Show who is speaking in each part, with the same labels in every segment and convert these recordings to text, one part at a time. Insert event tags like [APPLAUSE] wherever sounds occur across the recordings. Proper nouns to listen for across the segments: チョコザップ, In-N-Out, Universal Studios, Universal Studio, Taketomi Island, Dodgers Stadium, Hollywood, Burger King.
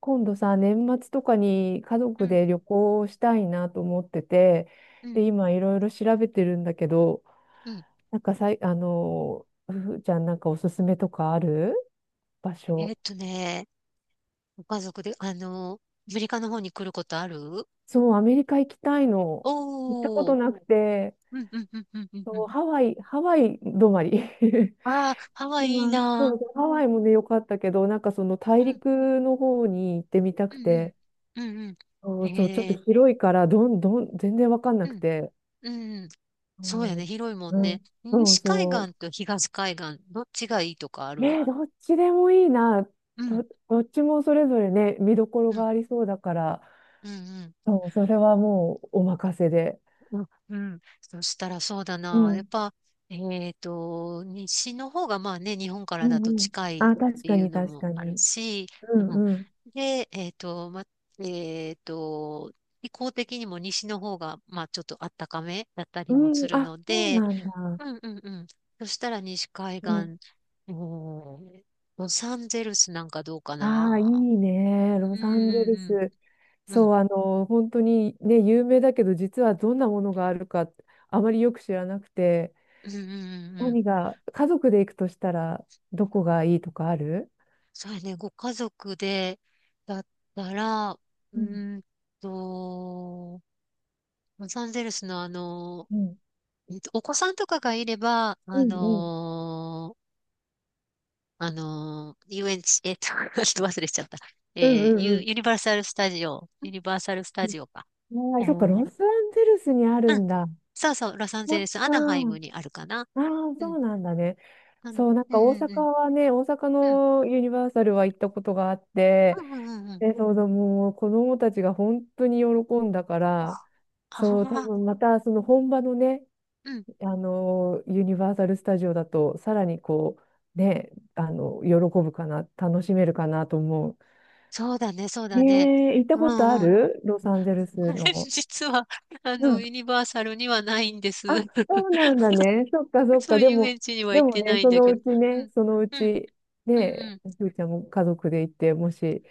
Speaker 1: 今度さ、年末とかに家
Speaker 2: う
Speaker 1: 族
Speaker 2: ん、
Speaker 1: で旅行したいなと思ってて、
Speaker 2: うん、
Speaker 1: で、今いろいろ調べてるんだけど、
Speaker 2: うん。
Speaker 1: なんかさい、ふふちゃんなんかおすすめとかある場
Speaker 2: えーっ
Speaker 1: 所？
Speaker 2: とね、ご家族で、アメリカの方に来ることある？
Speaker 1: そう、アメリカ行きたいの。行ったこ
Speaker 2: お
Speaker 1: と
Speaker 2: ー、
Speaker 1: なくて、
Speaker 2: うん、うん、うん、うん、うんう
Speaker 1: そう、
Speaker 2: ん。
Speaker 1: ハワイ、ハワイ止まり。[LAUGHS]
Speaker 2: ああ、ハワイいい
Speaker 1: 今、そ
Speaker 2: な
Speaker 1: うそう、
Speaker 2: ー。
Speaker 1: ハ
Speaker 2: うん、
Speaker 1: ワイもね、良かったけど、なんかその大
Speaker 2: うん、
Speaker 1: 陸の方に行ってみた
Speaker 2: う
Speaker 1: く
Speaker 2: ん、
Speaker 1: て、
Speaker 2: うん、うんう
Speaker 1: そ
Speaker 2: ん。
Speaker 1: うそう、ちょっと広いから、どんどん、全然わかんな
Speaker 2: う
Speaker 1: く
Speaker 2: ん、
Speaker 1: て。
Speaker 2: うん。そうや
Speaker 1: そ
Speaker 2: ね、
Speaker 1: う、
Speaker 2: 広いもん
Speaker 1: う
Speaker 2: ね。
Speaker 1: ん、そう
Speaker 2: 西海
Speaker 1: そ
Speaker 2: 岸と東海岸、どっちがいいとかあ
Speaker 1: う。ね
Speaker 2: る？
Speaker 1: え、どっちでもいいな。
Speaker 2: うん、
Speaker 1: どっちもそれぞれね、見どころ
Speaker 2: う
Speaker 1: が
Speaker 2: ん、
Speaker 1: ありそうだから、
Speaker 2: うん、うん。
Speaker 1: そう、それはもうお任せで。
Speaker 2: うん、うん。そしたらそうだ
Speaker 1: う
Speaker 2: な。やっ
Speaker 1: ん、
Speaker 2: ぱ、西の方がまあね、日本か
Speaker 1: う
Speaker 2: らだ
Speaker 1: ん、
Speaker 2: と
Speaker 1: うん。
Speaker 2: 近いっ
Speaker 1: あ、確
Speaker 2: て
Speaker 1: か
Speaker 2: いう
Speaker 1: に、
Speaker 2: の
Speaker 1: 確
Speaker 2: も
Speaker 1: か
Speaker 2: ある
Speaker 1: に。
Speaker 2: し、
Speaker 1: うん、
Speaker 2: うん、
Speaker 1: うん。
Speaker 2: で、えっと、気候的にも西の方が、まあちょっと暖かめだったり
Speaker 1: う
Speaker 2: もす
Speaker 1: ん、
Speaker 2: る
Speaker 1: あ、
Speaker 2: の
Speaker 1: そう
Speaker 2: で、
Speaker 1: なんだ。
Speaker 2: うんうんうん。そしたら西海岸、
Speaker 1: うん。
Speaker 2: おー、ロサンゼルスなんかどうか
Speaker 1: ああ、いい
Speaker 2: な。
Speaker 1: ね。ロ
Speaker 2: うんう
Speaker 1: サンゼル
Speaker 2: ん
Speaker 1: ス。
Speaker 2: うん。う
Speaker 1: そ
Speaker 2: ん
Speaker 1: う、本当にね、有名だけど、実はどんなものがあるか、あまりよく知らなくて、
Speaker 2: うんうんうん。
Speaker 1: 何が、家族で行くとしたら、どこがいいとかある？
Speaker 2: そうやね、ご家族でだったら、
Speaker 1: うん、
Speaker 2: ーんと、ロサンゼルスの
Speaker 1: うん、
Speaker 2: お子さんとかがいれば、
Speaker 1: うん、うん、
Speaker 2: 遊園地、[LAUGHS] ちょっと忘れちゃった。え
Speaker 1: うん、うん
Speaker 2: ユニバーサルスタジオ、ユニバーサルスタジオか。
Speaker 1: うん。はい、そっか、ロ
Speaker 2: う
Speaker 1: サンゼルスにある
Speaker 2: ん。
Speaker 1: んだ。
Speaker 2: そうそう、ロサンゼ
Speaker 1: そっ
Speaker 2: ルス、ア
Speaker 1: か。
Speaker 2: ナハイムにあるかな。
Speaker 1: ああ、
Speaker 2: う
Speaker 1: そ
Speaker 2: ん。
Speaker 1: うなんだね。
Speaker 2: うん、
Speaker 1: そう、なん
Speaker 2: うん、
Speaker 1: か大
Speaker 2: うん、う
Speaker 1: 阪
Speaker 2: ん。
Speaker 1: はね、大阪
Speaker 2: うん、
Speaker 1: のユニバーサルは行ったことがあっ
Speaker 2: う
Speaker 1: て、
Speaker 2: ん、うん、うん。うん、
Speaker 1: で、そうだ、もう子供たちが本当に喜んだか
Speaker 2: あ
Speaker 1: ら、
Speaker 2: あ
Speaker 1: そう、多
Speaker 2: ー、
Speaker 1: 分またその本場のね、
Speaker 2: うん。
Speaker 1: あの、ユニバーサル・スタジオだと、さらにこう、ね、喜ぶかな、楽しめるかなと思う。
Speaker 2: そうだね、そう
Speaker 1: え
Speaker 2: だね。
Speaker 1: え、行った
Speaker 2: う
Speaker 1: ことあ
Speaker 2: んうん。
Speaker 1: る？ロサンゼル
Speaker 2: [LAUGHS] こ
Speaker 1: ス
Speaker 2: れ
Speaker 1: の。
Speaker 2: 実は、
Speaker 1: うん。
Speaker 2: ユニバーサルにはないんで
Speaker 1: あ、
Speaker 2: す。
Speaker 1: そう
Speaker 2: [LAUGHS]
Speaker 1: なんだね。そっかそっ
Speaker 2: そ
Speaker 1: か。
Speaker 2: うい
Speaker 1: で
Speaker 2: う遊
Speaker 1: も、
Speaker 2: 園地には
Speaker 1: で
Speaker 2: 行っ
Speaker 1: も
Speaker 2: てな
Speaker 1: ね、
Speaker 2: いん
Speaker 1: そ
Speaker 2: だ
Speaker 1: の
Speaker 2: け
Speaker 1: う
Speaker 2: ど。
Speaker 1: ち
Speaker 2: う
Speaker 1: ね、
Speaker 2: ん、
Speaker 1: そのう
Speaker 2: うん、
Speaker 1: ち、
Speaker 2: うん、
Speaker 1: ね、
Speaker 2: うん、
Speaker 1: ふーちゃんも家族で行って、もし、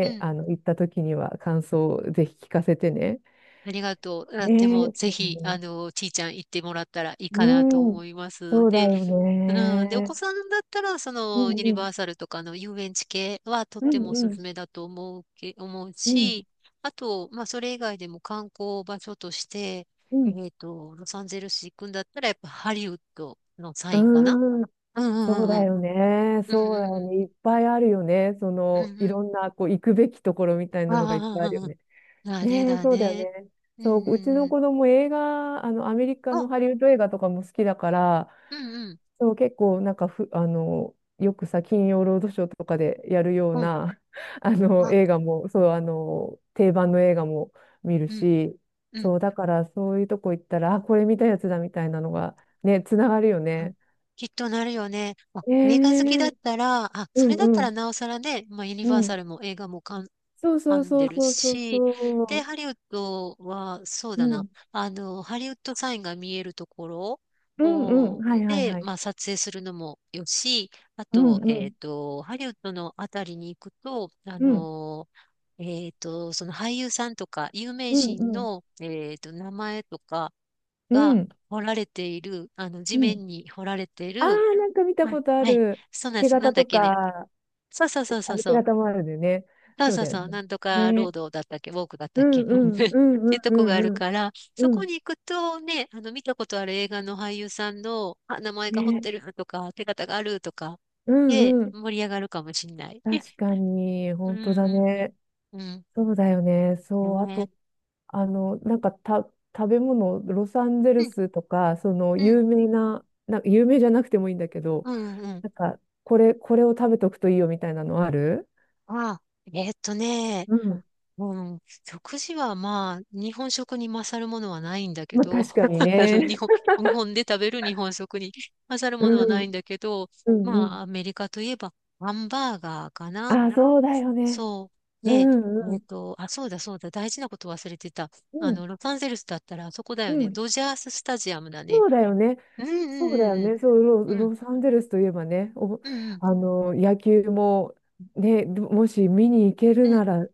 Speaker 2: うん。
Speaker 1: 行った時には感想をぜひ聞かせてね。
Speaker 2: ありがとう。あ、で
Speaker 1: ね
Speaker 2: も、
Speaker 1: え、
Speaker 2: ぜ
Speaker 1: そうだ
Speaker 2: ひ、
Speaker 1: ね。
Speaker 2: ちいちゃん行ってもらったらいいか
Speaker 1: う
Speaker 2: なと
Speaker 1: ん、
Speaker 2: 思います。
Speaker 1: そうだ
Speaker 2: で、
Speaker 1: よ
Speaker 2: うん。で、お子
Speaker 1: ね。
Speaker 2: さんだったら、そ
Speaker 1: う
Speaker 2: の、
Speaker 1: ん
Speaker 2: ユニ
Speaker 1: うん、
Speaker 2: バーサルとかの遊園地系はとっ
Speaker 1: う
Speaker 2: ても
Speaker 1: ん
Speaker 2: お
Speaker 1: う
Speaker 2: すす
Speaker 1: ん、
Speaker 2: めだと思う
Speaker 1: うん、
Speaker 2: し、あと、まあ、それ以外でも観光場所として、
Speaker 1: うん。
Speaker 2: ロサンゼルス行くんだったら、やっぱハリウッドのサ
Speaker 1: う
Speaker 2: インかな？
Speaker 1: ーん、
Speaker 2: うんう
Speaker 1: そう
Speaker 2: んうんう
Speaker 1: だ
Speaker 2: ん。
Speaker 1: よね。
Speaker 2: うん
Speaker 1: そうだ
Speaker 2: うんう
Speaker 1: よ
Speaker 2: ん。
Speaker 1: ね。いっぱいあるよね。そ
Speaker 2: うんう
Speaker 1: の、い
Speaker 2: ん。
Speaker 1: ろんな、こう、行くべきところみたいなのがいっぱいあるよ
Speaker 2: ああ、
Speaker 1: ね。
Speaker 2: だね、
Speaker 1: ねえ、
Speaker 2: だ
Speaker 1: そうだよ
Speaker 2: ね。
Speaker 1: ね。
Speaker 2: うんう
Speaker 1: そう、うち
Speaker 2: ん
Speaker 1: の
Speaker 2: うん。
Speaker 1: 子供映画、アメリカの
Speaker 2: あ、
Speaker 1: ハリウッド映画とかも好きだから、
Speaker 2: うんうん。
Speaker 1: そう、結構、なんかふ、よくさ、金曜ロードショーとかでやるよう
Speaker 2: うん。
Speaker 1: な、[LAUGHS]
Speaker 2: あ、
Speaker 1: 映画も、そう、定番の映画も見る
Speaker 2: うん
Speaker 1: し、
Speaker 2: うん。
Speaker 1: そう、だから、そういうとこ行ったら、あ、これ見たやつだみたいなのが、ね、つながるよ
Speaker 2: うん、
Speaker 1: ね。
Speaker 2: きっとなるよね。あ、
Speaker 1: え
Speaker 2: 映画好きだっ
Speaker 1: え、
Speaker 2: たら、あ、
Speaker 1: う
Speaker 2: それだっ
Speaker 1: んう
Speaker 2: たら
Speaker 1: ん
Speaker 2: なおさらね、まあ、ユニ
Speaker 1: う
Speaker 2: バーサ
Speaker 1: ん。
Speaker 2: ルも映画も
Speaker 1: そう
Speaker 2: 噛
Speaker 1: そう
Speaker 2: ん
Speaker 1: そ
Speaker 2: で
Speaker 1: う
Speaker 2: る
Speaker 1: そうそう
Speaker 2: し、で、
Speaker 1: そ
Speaker 2: ハリウッドは、そう
Speaker 1: う。
Speaker 2: だ
Speaker 1: う
Speaker 2: な、
Speaker 1: ん。
Speaker 2: ハリウッドサインが見えるところ
Speaker 1: うんうん。
Speaker 2: を、
Speaker 1: はいはい
Speaker 2: で、
Speaker 1: はい。
Speaker 2: まあ、撮影するのもよし、あ
Speaker 1: うん
Speaker 2: と、
Speaker 1: うん。
Speaker 2: ハリウッドのあたりに行くと、
Speaker 1: うん。
Speaker 2: その俳優さんとか、有名
Speaker 1: うん
Speaker 2: 人
Speaker 1: うん。
Speaker 2: の、名前とか
Speaker 1: う
Speaker 2: が
Speaker 1: ん。
Speaker 2: 彫られている、地
Speaker 1: うん。
Speaker 2: 面に彫られてい
Speaker 1: ああ、
Speaker 2: る、
Speaker 1: なんか見た
Speaker 2: はい、
Speaker 1: ことあ
Speaker 2: はい。
Speaker 1: る。
Speaker 2: そうなんで
Speaker 1: 手
Speaker 2: す。なん
Speaker 1: 形
Speaker 2: だっ
Speaker 1: と
Speaker 2: けね。
Speaker 1: か、
Speaker 2: そうそうそ
Speaker 1: て
Speaker 2: う
Speaker 1: あ
Speaker 2: そう
Speaker 1: れ手
Speaker 2: そう。
Speaker 1: 形もあるんだよね。
Speaker 2: そう
Speaker 1: そう
Speaker 2: そう
Speaker 1: だよ
Speaker 2: そう、
Speaker 1: ね。
Speaker 2: なんとかロー
Speaker 1: ね。
Speaker 2: ドだったっけ、ウォークだった
Speaker 1: う
Speaker 2: っ
Speaker 1: んう
Speaker 2: け、うん [LAUGHS] っ
Speaker 1: んうんう
Speaker 2: ていう
Speaker 1: ん
Speaker 2: と
Speaker 1: う
Speaker 2: こが
Speaker 1: ん
Speaker 2: ある
Speaker 1: うん。
Speaker 2: から、そ
Speaker 1: う
Speaker 2: こ
Speaker 1: ん。
Speaker 2: に行くとね、見たことある映画の俳優さんの、あ、名前が彫っ
Speaker 1: ね。
Speaker 2: てるとか、手形があるとか、
Speaker 1: う
Speaker 2: で、
Speaker 1: んうん。
Speaker 2: 盛り上がるかもしんない。
Speaker 1: 確
Speaker 2: [LAUGHS]
Speaker 1: かに、
Speaker 2: うん
Speaker 1: 本当だ
Speaker 2: うん
Speaker 1: ね。
Speaker 2: うん。
Speaker 1: そうだよね。
Speaker 2: う
Speaker 1: そう。
Speaker 2: ん。
Speaker 1: あ
Speaker 2: ね
Speaker 1: と、なんかた、食べ物、ロサンゼ
Speaker 2: え。
Speaker 1: ル
Speaker 2: うん
Speaker 1: スとか、その
Speaker 2: うん。
Speaker 1: 有名な、な、有名じゃなくてもいいんだけど、
Speaker 2: うんうん。
Speaker 1: なんか、これを食べとくといいよみたいなのある？
Speaker 2: あ、えーっとね、
Speaker 1: うん。
Speaker 2: うん、食事はまあ、日本食に勝るものはないんだけ
Speaker 1: まあ、
Speaker 2: ど、
Speaker 1: 確かに
Speaker 2: [LAUGHS] あの、日
Speaker 1: ね。
Speaker 2: 本、日本で食べる日本食に勝る
Speaker 1: う
Speaker 2: ものはな
Speaker 1: ん、
Speaker 2: いんだけど、
Speaker 1: うん、う
Speaker 2: ま
Speaker 1: ん。
Speaker 2: あ、アメリカといえば、ハンバーガーかな。
Speaker 1: あ、そうだよね。
Speaker 2: そう。
Speaker 1: う
Speaker 2: で、
Speaker 1: ん、うん、
Speaker 2: あ、そうだそうだ、大事なこと忘れてた。
Speaker 1: うん、
Speaker 2: ロサンゼルスだったらあそこだよ
Speaker 1: う
Speaker 2: ね。
Speaker 1: ん。
Speaker 2: ドジャーススタジアムだね。
Speaker 1: そうだよね。
Speaker 2: うん
Speaker 1: そうだよ
Speaker 2: うんうん
Speaker 1: ね、そう、ロ、
Speaker 2: うん。うん
Speaker 1: ロサンゼルスといえばね、お、
Speaker 2: うん
Speaker 1: あの野球も、ね、もし見に行け
Speaker 2: う
Speaker 1: る
Speaker 2: ん。うん。
Speaker 1: なら、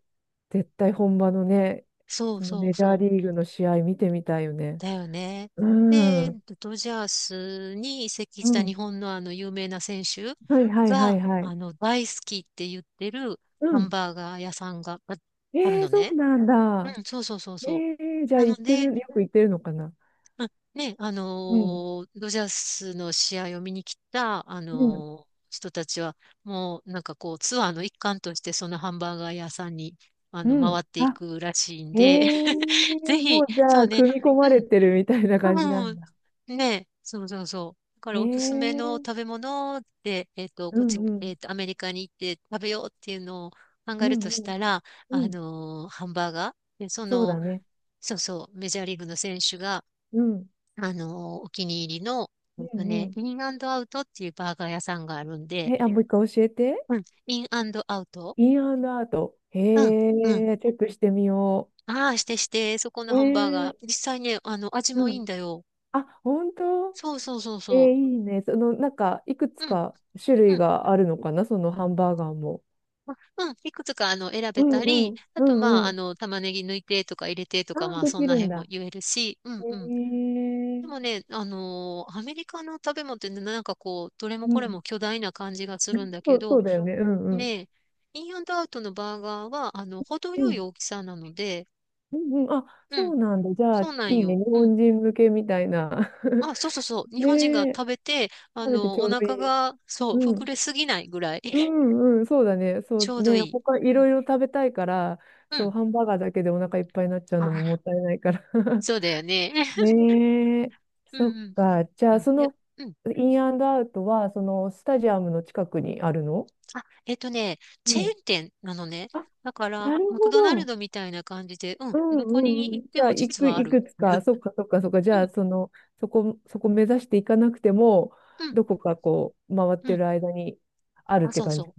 Speaker 1: 絶対本場のね、
Speaker 2: そう
Speaker 1: その
Speaker 2: そう
Speaker 1: メジャー
Speaker 2: そう。
Speaker 1: リーグの試合見てみたいよね。
Speaker 2: だよね。
Speaker 1: うん、
Speaker 2: で、
Speaker 1: うん、
Speaker 2: ドジャースに移籍した日本のあの有名な選手
Speaker 1: はいはいはい
Speaker 2: が、
Speaker 1: はい。
Speaker 2: 大好きって言ってる
Speaker 1: う
Speaker 2: ハン
Speaker 1: ん。
Speaker 2: バーガー屋さんがあるの
Speaker 1: そう
Speaker 2: ね。
Speaker 1: なん
Speaker 2: う
Speaker 1: だ。
Speaker 2: ん、そうそうそうそ
Speaker 1: えじ
Speaker 2: う。
Speaker 1: ゃあ
Speaker 2: なの
Speaker 1: 行って
Speaker 2: で、
Speaker 1: る、よく行ってるのかな？
Speaker 2: まあ、ね、
Speaker 1: うん、
Speaker 2: ドジャースの試合を見に来た、
Speaker 1: うん、
Speaker 2: 人たちは、もうなんかこう、ツアーの一環として、そのハンバーガー屋さんに、
Speaker 1: うん。
Speaker 2: 回ってい
Speaker 1: あ、
Speaker 2: くらしいんで、[LAUGHS] ぜ
Speaker 1: も
Speaker 2: ひ、
Speaker 1: うじ
Speaker 2: そ
Speaker 1: ゃあ、
Speaker 2: うね、
Speaker 1: 組み込ま
Speaker 2: う
Speaker 1: れ
Speaker 2: ん。
Speaker 1: てるみたいな感じな
Speaker 2: う
Speaker 1: ん
Speaker 2: ん。
Speaker 1: だ。
Speaker 2: ねえ、そうそうそう。だか
Speaker 1: え
Speaker 2: らおすすめの
Speaker 1: ー、
Speaker 2: 食べ物で、
Speaker 1: う
Speaker 2: こっ
Speaker 1: ん
Speaker 2: ち、
Speaker 1: うん、
Speaker 2: アメリカに行って食べようっていうのを考
Speaker 1: う
Speaker 2: える
Speaker 1: ん
Speaker 2: と
Speaker 1: う
Speaker 2: し
Speaker 1: ん。
Speaker 2: たら、
Speaker 1: うん、
Speaker 2: ハンバーガー。で、
Speaker 1: そうだね。
Speaker 2: そうそう、メジャーリーグの選手が、
Speaker 1: うん。
Speaker 2: あのーお気に入りの、
Speaker 1: うんう
Speaker 2: インアウトっていうバーガー屋さんがあるん
Speaker 1: ん。
Speaker 2: で、
Speaker 1: え、あ、もう一回教えて。
Speaker 2: うん、インアウト。
Speaker 1: インアンドアウト。へ
Speaker 2: うん、うん。
Speaker 1: え、チェックしてみよ
Speaker 2: ああ、してして、そこの
Speaker 1: う。え
Speaker 2: ハンバーガー。
Speaker 1: え、
Speaker 2: 実際ね、味も
Speaker 1: う
Speaker 2: いい
Speaker 1: ん。
Speaker 2: んだよ。
Speaker 1: あ、本当？
Speaker 2: そうそうそうそ
Speaker 1: いいね。その、なんか、いくつ
Speaker 2: う。うん。
Speaker 1: か種
Speaker 2: う
Speaker 1: 類
Speaker 2: ん。
Speaker 1: があるのかな、そのハンバーガーも。
Speaker 2: まあうん、いくつか選べ
Speaker 1: うん
Speaker 2: た
Speaker 1: う
Speaker 2: り、
Speaker 1: ん。
Speaker 2: あ
Speaker 1: う
Speaker 2: とまあ、
Speaker 1: んうん。
Speaker 2: 玉ねぎ抜いてとか入れてと
Speaker 1: あ
Speaker 2: か、
Speaker 1: あ、
Speaker 2: まあ、
Speaker 1: で
Speaker 2: そん
Speaker 1: き
Speaker 2: な
Speaker 1: るん
Speaker 2: 辺も
Speaker 1: だ。
Speaker 2: 言えるし、う
Speaker 1: へ
Speaker 2: んうん。
Speaker 1: え、
Speaker 2: でもね、アメリカの食べ物ってねなんかこう、どれも
Speaker 1: う
Speaker 2: これ
Speaker 1: ん。
Speaker 2: も巨大な感じがするんだ
Speaker 1: そ
Speaker 2: け
Speaker 1: う、そ
Speaker 2: ど、
Speaker 1: うだよね。うんうん。
Speaker 2: ね、インアンドアウトのバーガーは、程
Speaker 1: う
Speaker 2: よい
Speaker 1: ん。
Speaker 2: 大きさなので、
Speaker 1: うんうん。あ、
Speaker 2: う
Speaker 1: そ
Speaker 2: ん、
Speaker 1: うなんだ。じゃあ、い
Speaker 2: そうなん
Speaker 1: いね。
Speaker 2: よ。
Speaker 1: 日
Speaker 2: うん。
Speaker 1: 本人向けみたいな。[LAUGHS]
Speaker 2: あ、そうそうそう。日
Speaker 1: ね
Speaker 2: 本人が
Speaker 1: え、
Speaker 2: 食べて、
Speaker 1: [LAUGHS] 食べてちょ
Speaker 2: お
Speaker 1: うどい
Speaker 2: 腹
Speaker 1: い。
Speaker 2: が、そう、
Speaker 1: う
Speaker 2: 膨
Speaker 1: ん。
Speaker 2: れすぎないぐらい、
Speaker 1: う
Speaker 2: [LAUGHS]
Speaker 1: んうん、そうだね。そ
Speaker 2: ち
Speaker 1: う
Speaker 2: ょうど
Speaker 1: ね、
Speaker 2: いい。
Speaker 1: 他い
Speaker 2: うん、
Speaker 1: ろいろ食べたいから、
Speaker 2: う
Speaker 1: そう、
Speaker 2: ん。
Speaker 1: ハンバーガーだけでお腹いっぱいになっちゃう
Speaker 2: あ
Speaker 1: のも
Speaker 2: ー、
Speaker 1: もったいないから。[LAUGHS]
Speaker 2: そうだよね。[LAUGHS]
Speaker 1: ねえ、
Speaker 2: うん、
Speaker 1: そっ
Speaker 2: うん。
Speaker 1: か。じゃ
Speaker 2: う
Speaker 1: あ、
Speaker 2: ん、
Speaker 1: そ
Speaker 2: で、
Speaker 1: の、
Speaker 2: うん、
Speaker 1: インアンドアウトは、その、スタジアムの近くにあるの？
Speaker 2: あ、チェ
Speaker 1: う
Speaker 2: ー
Speaker 1: ん。
Speaker 2: ン店なのね。
Speaker 1: あ、
Speaker 2: だから、
Speaker 1: なる
Speaker 2: マク
Speaker 1: ほ
Speaker 2: ドナル
Speaker 1: ど。
Speaker 2: ドみたいな感じで、うん、
Speaker 1: うん
Speaker 2: どこ
Speaker 1: う
Speaker 2: に
Speaker 1: んうん。
Speaker 2: 行っ
Speaker 1: じ
Speaker 2: て
Speaker 1: ゃあ、
Speaker 2: も
Speaker 1: い
Speaker 2: 実
Speaker 1: く、
Speaker 2: はあ
Speaker 1: い
Speaker 2: る。
Speaker 1: くつか、そっかそっかそっか。じ
Speaker 2: う
Speaker 1: ゃあ、
Speaker 2: ん、
Speaker 1: その、そこ目指していかなくても、
Speaker 2: うん、
Speaker 1: どこかこう、回っ
Speaker 2: う
Speaker 1: て
Speaker 2: ん。
Speaker 1: る間にあるっ
Speaker 2: あ、
Speaker 1: て
Speaker 2: そう
Speaker 1: 感
Speaker 2: そ
Speaker 1: じ？
Speaker 2: う。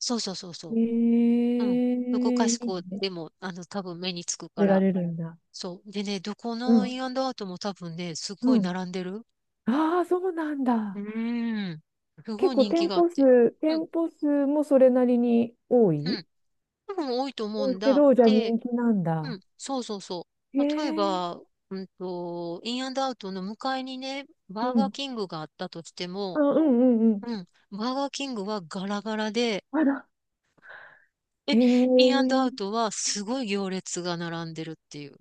Speaker 2: そうそうそう
Speaker 1: え
Speaker 2: そう。うん。どこか
Speaker 1: え、い
Speaker 2: し
Speaker 1: い
Speaker 2: こ
Speaker 1: ね。
Speaker 2: でも、多分目につく
Speaker 1: 食
Speaker 2: か
Speaker 1: べら
Speaker 2: ら。
Speaker 1: れるんだ。
Speaker 2: そう。でね、どこ
Speaker 1: う
Speaker 2: のイ
Speaker 1: ん。
Speaker 2: ンアウトも多分ね、すごい
Speaker 1: うん。
Speaker 2: 並んでる。
Speaker 1: ああ、そうなん
Speaker 2: う
Speaker 1: だ。
Speaker 2: ーん。す
Speaker 1: 結
Speaker 2: ごい
Speaker 1: 構
Speaker 2: 人気
Speaker 1: 店
Speaker 2: があっ
Speaker 1: 舗
Speaker 2: て。
Speaker 1: 数、
Speaker 2: うん、
Speaker 1: 店舗数もそれなりに多
Speaker 2: う
Speaker 1: い
Speaker 2: ん。多分多いと思う
Speaker 1: 多い
Speaker 2: ん
Speaker 1: け
Speaker 2: だ。
Speaker 1: ど、じゃあ
Speaker 2: で、
Speaker 1: 人気なん
Speaker 2: う
Speaker 1: だ。
Speaker 2: ん、そうそうそ
Speaker 1: へ
Speaker 2: う。例え
Speaker 1: え。
Speaker 2: ば、インアンドアウトの向かいにね、
Speaker 1: う
Speaker 2: バーガー
Speaker 1: ん。
Speaker 2: キングがあったとして
Speaker 1: あ、
Speaker 2: も、
Speaker 1: うんうんうん。
Speaker 2: うん、バーガーキングはガラガラで、
Speaker 1: あら。
Speaker 2: え、
Speaker 1: へ
Speaker 2: インアンドア
Speaker 1: え。
Speaker 2: ウトはすごい行列が並んでるっていう。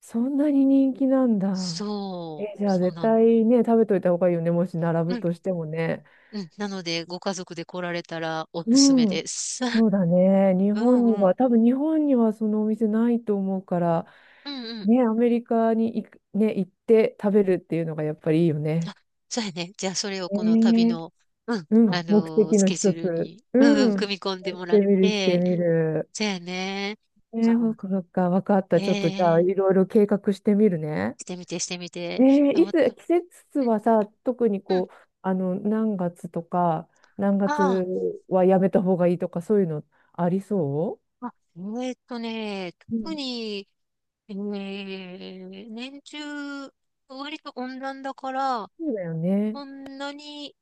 Speaker 1: そんなに人気なんだ。
Speaker 2: そ
Speaker 1: え、
Speaker 2: う、
Speaker 1: じゃあ
Speaker 2: そう
Speaker 1: 絶
Speaker 2: なの。
Speaker 1: 対ね、食べといた方がいいよね。もし並
Speaker 2: う
Speaker 1: ぶ
Speaker 2: ん、
Speaker 1: としてもね。
Speaker 2: うん。なので、ご家族で来られたらおすすめ
Speaker 1: うん。
Speaker 2: です。[LAUGHS]
Speaker 1: そうだね。日
Speaker 2: う
Speaker 1: 本
Speaker 2: ん
Speaker 1: に
Speaker 2: う
Speaker 1: は、
Speaker 2: ん。
Speaker 1: 多分日本にはそのお店ないと思うから、
Speaker 2: うんうん。
Speaker 1: ね、アメリカに行く、ね、行って食べるっていうのがやっぱりいいよ
Speaker 2: あ、
Speaker 1: ね。
Speaker 2: そうやね。じゃあ、それを
Speaker 1: え
Speaker 2: この旅
Speaker 1: え、
Speaker 2: の、うん、
Speaker 1: うん。目的
Speaker 2: ス
Speaker 1: の
Speaker 2: ケジュ
Speaker 1: 一
Speaker 2: ール
Speaker 1: つ。
Speaker 2: に、
Speaker 1: う
Speaker 2: うんうん、
Speaker 1: ん。
Speaker 2: 組み込んでも
Speaker 1: し
Speaker 2: ら
Speaker 1: て
Speaker 2: っ
Speaker 1: みる、して
Speaker 2: て、
Speaker 1: みる。
Speaker 2: そうやね。
Speaker 1: ね、そっ
Speaker 2: あ、
Speaker 1: か、そっか、わかった。ちょっとじゃあ、
Speaker 2: ええ、
Speaker 1: いろいろ計画してみるね。
Speaker 2: してみて、してみて。あ、お、う
Speaker 1: いつ、季節
Speaker 2: ん、
Speaker 1: はさ、特に
Speaker 2: うん。
Speaker 1: こう、何月とか、何
Speaker 2: あ
Speaker 1: 月はやめた方がいいとか、そういうのありそ
Speaker 2: あ、あ、えーっとね、特
Speaker 1: う？
Speaker 2: に、えー年中、割と温暖だから、
Speaker 1: そうだよね。
Speaker 2: そんなに、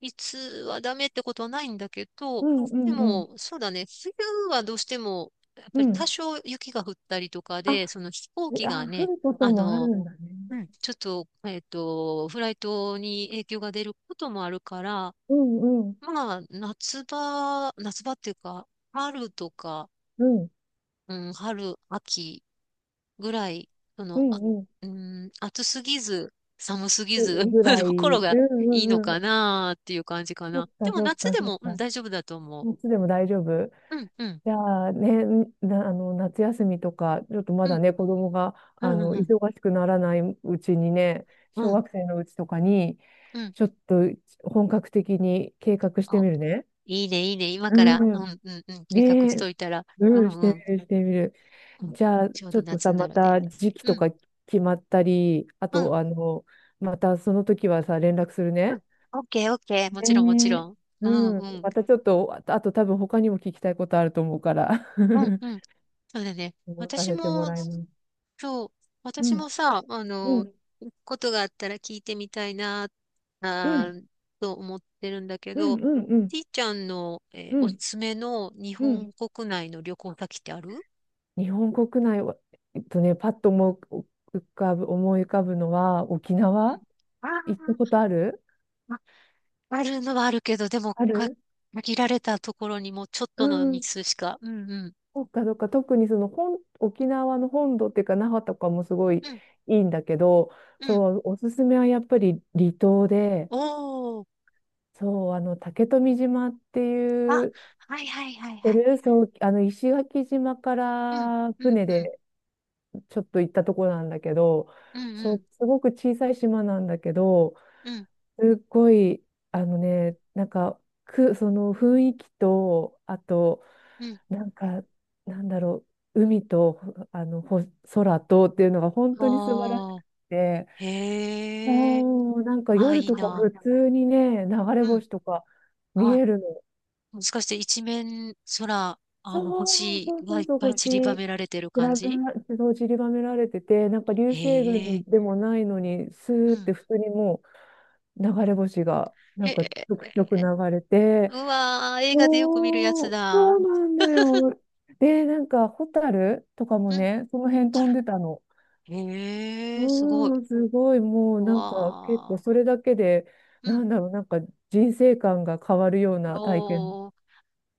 Speaker 2: いつはダメってことはないんだけ
Speaker 1: う
Speaker 2: ど、
Speaker 1: んう
Speaker 2: で
Speaker 1: んうん。
Speaker 2: も、そうだね、冬はどうしても、やっ
Speaker 1: う
Speaker 2: ぱり多
Speaker 1: ん。
Speaker 2: 少雪が降ったりとか
Speaker 1: あ、
Speaker 2: で、その飛行
Speaker 1: で
Speaker 2: 機
Speaker 1: あ、
Speaker 2: が
Speaker 1: 降
Speaker 2: ね、
Speaker 1: ること
Speaker 2: あ
Speaker 1: もある
Speaker 2: の、
Speaker 1: んだね。
Speaker 2: うん、ちょっと、フライトに影響が出ることもあるから、
Speaker 1: うんうん。
Speaker 2: まあ、夏場っていうか、春とか、
Speaker 1: うん。
Speaker 2: うん、春、秋ぐらい、そ
Speaker 1: う
Speaker 2: の、
Speaker 1: んうん。
Speaker 2: うん、暑すぎず、寒すぎ
Speaker 1: ぐ
Speaker 2: ず、
Speaker 1: ぐら
Speaker 2: [LAUGHS]
Speaker 1: い。う
Speaker 2: ところ
Speaker 1: ん
Speaker 2: が
Speaker 1: う
Speaker 2: いいの
Speaker 1: んうん。
Speaker 2: かなっていう感じか
Speaker 1: そっ
Speaker 2: な。で
Speaker 1: か
Speaker 2: も
Speaker 1: そっ
Speaker 2: 夏
Speaker 1: か
Speaker 2: で
Speaker 1: そっ
Speaker 2: も、うん、
Speaker 1: か。
Speaker 2: 大丈夫だと思
Speaker 1: いつでも大丈夫。
Speaker 2: う。うん、うん、
Speaker 1: じゃあね、な、夏休みとか、ちょっとま
Speaker 2: う
Speaker 1: だ
Speaker 2: ん、
Speaker 1: ね、子供が、
Speaker 2: うん、うん、
Speaker 1: 忙しくならないうちにね、小
Speaker 2: うん、
Speaker 1: 学生のうちとかに、
Speaker 2: うん。
Speaker 1: ちょっと本格的に計画して
Speaker 2: お、
Speaker 1: みるね。
Speaker 2: いいね、いいね。今
Speaker 1: う
Speaker 2: から、う
Speaker 1: ん。
Speaker 2: ん、うん、うん、計画
Speaker 1: ね
Speaker 2: し
Speaker 1: え。
Speaker 2: といたら、う
Speaker 1: うん、
Speaker 2: ん、
Speaker 1: してみ
Speaker 2: うん、
Speaker 1: る、してみる。
Speaker 2: うん。
Speaker 1: じゃあ、
Speaker 2: ちょう
Speaker 1: ちょ
Speaker 2: ど
Speaker 1: っと
Speaker 2: 夏
Speaker 1: さ、
Speaker 2: にな
Speaker 1: ま
Speaker 2: るね。
Speaker 1: た時期と
Speaker 2: うん、
Speaker 1: か決まったり、あ
Speaker 2: うん、
Speaker 1: と、またその時はさ、連絡する
Speaker 2: う
Speaker 1: ね。
Speaker 2: ん。オッケー、オッケー。もちろん、もち
Speaker 1: ねえ、
Speaker 2: ろん。う
Speaker 1: う
Speaker 2: ん、
Speaker 1: ん。
Speaker 2: うん。
Speaker 1: またちょっと、あとあと多分他にも聞きたいことあると思うから、
Speaker 2: うん
Speaker 1: [LAUGHS]
Speaker 2: うん。そうだね。
Speaker 1: 思させてもらいます。
Speaker 2: そう、
Speaker 1: う
Speaker 2: 私
Speaker 1: ん、
Speaker 2: もさ、
Speaker 1: うん、
Speaker 2: ことがあったら聞いてみたいな、
Speaker 1: う
Speaker 2: あ
Speaker 1: ん、
Speaker 2: ーと思ってるんだけ
Speaker 1: うん、う
Speaker 2: ど、
Speaker 1: ん、うん、
Speaker 2: ちいちゃんの、
Speaker 1: う
Speaker 2: おす
Speaker 1: ん、
Speaker 2: すめの日
Speaker 1: う
Speaker 2: 本
Speaker 1: ん。
Speaker 2: 国内の旅行先ってある？う
Speaker 1: 日本国内は、パッと思う、浮かぶ、思い浮かぶのは、沖縄
Speaker 2: ん、
Speaker 1: 行ったこ
Speaker 2: あ
Speaker 1: とある？
Speaker 2: ー、あるのはあるけど、でも、
Speaker 1: ある。
Speaker 2: 限られたところにもうちょっ
Speaker 1: う
Speaker 2: との
Speaker 1: ん、
Speaker 2: 日数しか。うんうん。
Speaker 1: そっかそっか、特にその本、沖縄の本土っていうか、那覇とかもすごい
Speaker 2: うん
Speaker 1: いいんだけど、
Speaker 2: うん。
Speaker 1: そう、おすすめはやっぱり離島で、
Speaker 2: おー。
Speaker 1: そう、竹富島ってい
Speaker 2: あ、
Speaker 1: う、
Speaker 2: はいはいはい
Speaker 1: 知って
Speaker 2: はい。
Speaker 1: る？そう、石垣島か
Speaker 2: うん
Speaker 1: ら
Speaker 2: うん
Speaker 1: 船
Speaker 2: うん。
Speaker 1: でちょっと行ったところなんだけど、
Speaker 2: うんう
Speaker 1: そ
Speaker 2: ん
Speaker 1: う、すごく小さい島なんだけど、
Speaker 2: うん
Speaker 1: すっごい、あのね、なんか、く、その雰囲気と、あと、
Speaker 2: うん。
Speaker 1: なんか、なんだろう、海と、ほ、空とっていうのが本当に素晴らし
Speaker 2: ああ。
Speaker 1: くて、
Speaker 2: へえ。
Speaker 1: もう、なんか
Speaker 2: ああ、
Speaker 1: 夜
Speaker 2: いい
Speaker 1: とか
Speaker 2: な。
Speaker 1: 普通にね、流れ
Speaker 2: うん。
Speaker 1: 星とか見
Speaker 2: あ、
Speaker 1: えるの。
Speaker 2: もしかして一面空、
Speaker 1: そう
Speaker 2: 星
Speaker 1: そうそ
Speaker 2: がい
Speaker 1: う
Speaker 2: っ
Speaker 1: そう、
Speaker 2: ぱい
Speaker 1: 星、
Speaker 2: 散りばめられてる
Speaker 1: 散
Speaker 2: 感
Speaker 1: らば
Speaker 2: じ？
Speaker 1: そう散りばめられてて、なんか流
Speaker 2: へ
Speaker 1: 星
Speaker 2: え。
Speaker 1: 群でもないのに、ス
Speaker 2: う
Speaker 1: ーっ
Speaker 2: ん。
Speaker 1: て普通にもう流れ星が、な
Speaker 2: へ
Speaker 1: んかち
Speaker 2: え。
Speaker 1: ょくちょく流れて、
Speaker 2: うわー、映画でよく見るやつ
Speaker 1: おー、そ
Speaker 2: だ。
Speaker 1: うなんだよ。で、なんか、ホタルとかも
Speaker 2: うん。
Speaker 1: ね、その辺
Speaker 2: あ
Speaker 1: 飛ん
Speaker 2: る。
Speaker 1: でたの。う
Speaker 2: へえ、すごい。
Speaker 1: ーん、すごい、もう
Speaker 2: う
Speaker 1: なんか、結構
Speaker 2: わ
Speaker 1: それだけで、
Speaker 2: ー。う
Speaker 1: な
Speaker 2: ん。
Speaker 1: んだろう、なんか人生観が変わるような体験
Speaker 2: おー、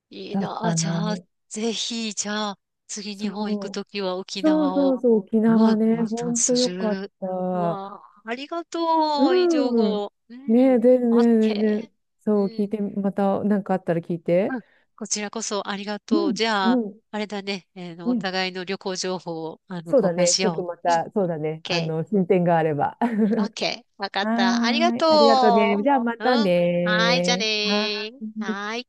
Speaker 2: いい
Speaker 1: だっ
Speaker 2: な。あ、
Speaker 1: た
Speaker 2: じゃあ、
Speaker 1: な。
Speaker 2: ぜひ、じゃあ、次日本行く
Speaker 1: そう。
Speaker 2: ときは沖
Speaker 1: そう
Speaker 2: 縄
Speaker 1: そ
Speaker 2: を。
Speaker 1: うそう、沖
Speaker 2: う
Speaker 1: 縄
Speaker 2: ん、
Speaker 1: ね、
Speaker 2: インスタ
Speaker 1: ほ
Speaker 2: ン
Speaker 1: んと
Speaker 2: ス
Speaker 1: よ
Speaker 2: す
Speaker 1: かっ
Speaker 2: る。う
Speaker 1: た。
Speaker 2: わあ、ありがとう。いい情
Speaker 1: うん。
Speaker 2: 報。う
Speaker 1: ねえ、
Speaker 2: ん。
Speaker 1: 全
Speaker 2: オッ
Speaker 1: 然、全
Speaker 2: ケ
Speaker 1: 然。
Speaker 2: ー。
Speaker 1: そう、聞
Speaker 2: う
Speaker 1: い
Speaker 2: ん。
Speaker 1: て、また、なんかあったら聞い
Speaker 2: う
Speaker 1: て。
Speaker 2: ん。こちらこそありが
Speaker 1: う
Speaker 2: とう。
Speaker 1: ん、
Speaker 2: じゃあ、
Speaker 1: うん、
Speaker 2: あれだね。えーの、
Speaker 1: う
Speaker 2: お
Speaker 1: ん。
Speaker 2: 互いの旅行情報を、
Speaker 1: そう
Speaker 2: 交
Speaker 1: だ
Speaker 2: 換
Speaker 1: ね。
Speaker 2: し
Speaker 1: ちょっと
Speaker 2: よ
Speaker 1: ま
Speaker 2: う。うん。オッ
Speaker 1: た、そうだね。
Speaker 2: ケ
Speaker 1: 進展があれば。[LAUGHS]
Speaker 2: ー、オッケー、わかっ
Speaker 1: は
Speaker 2: た。ありが
Speaker 1: ーい。ありがとうね。
Speaker 2: と
Speaker 1: じゃあま
Speaker 2: う。う
Speaker 1: た
Speaker 2: ん。はーい。じゃあね
Speaker 1: ね。は
Speaker 2: ー。
Speaker 1: ーい。
Speaker 2: はーい。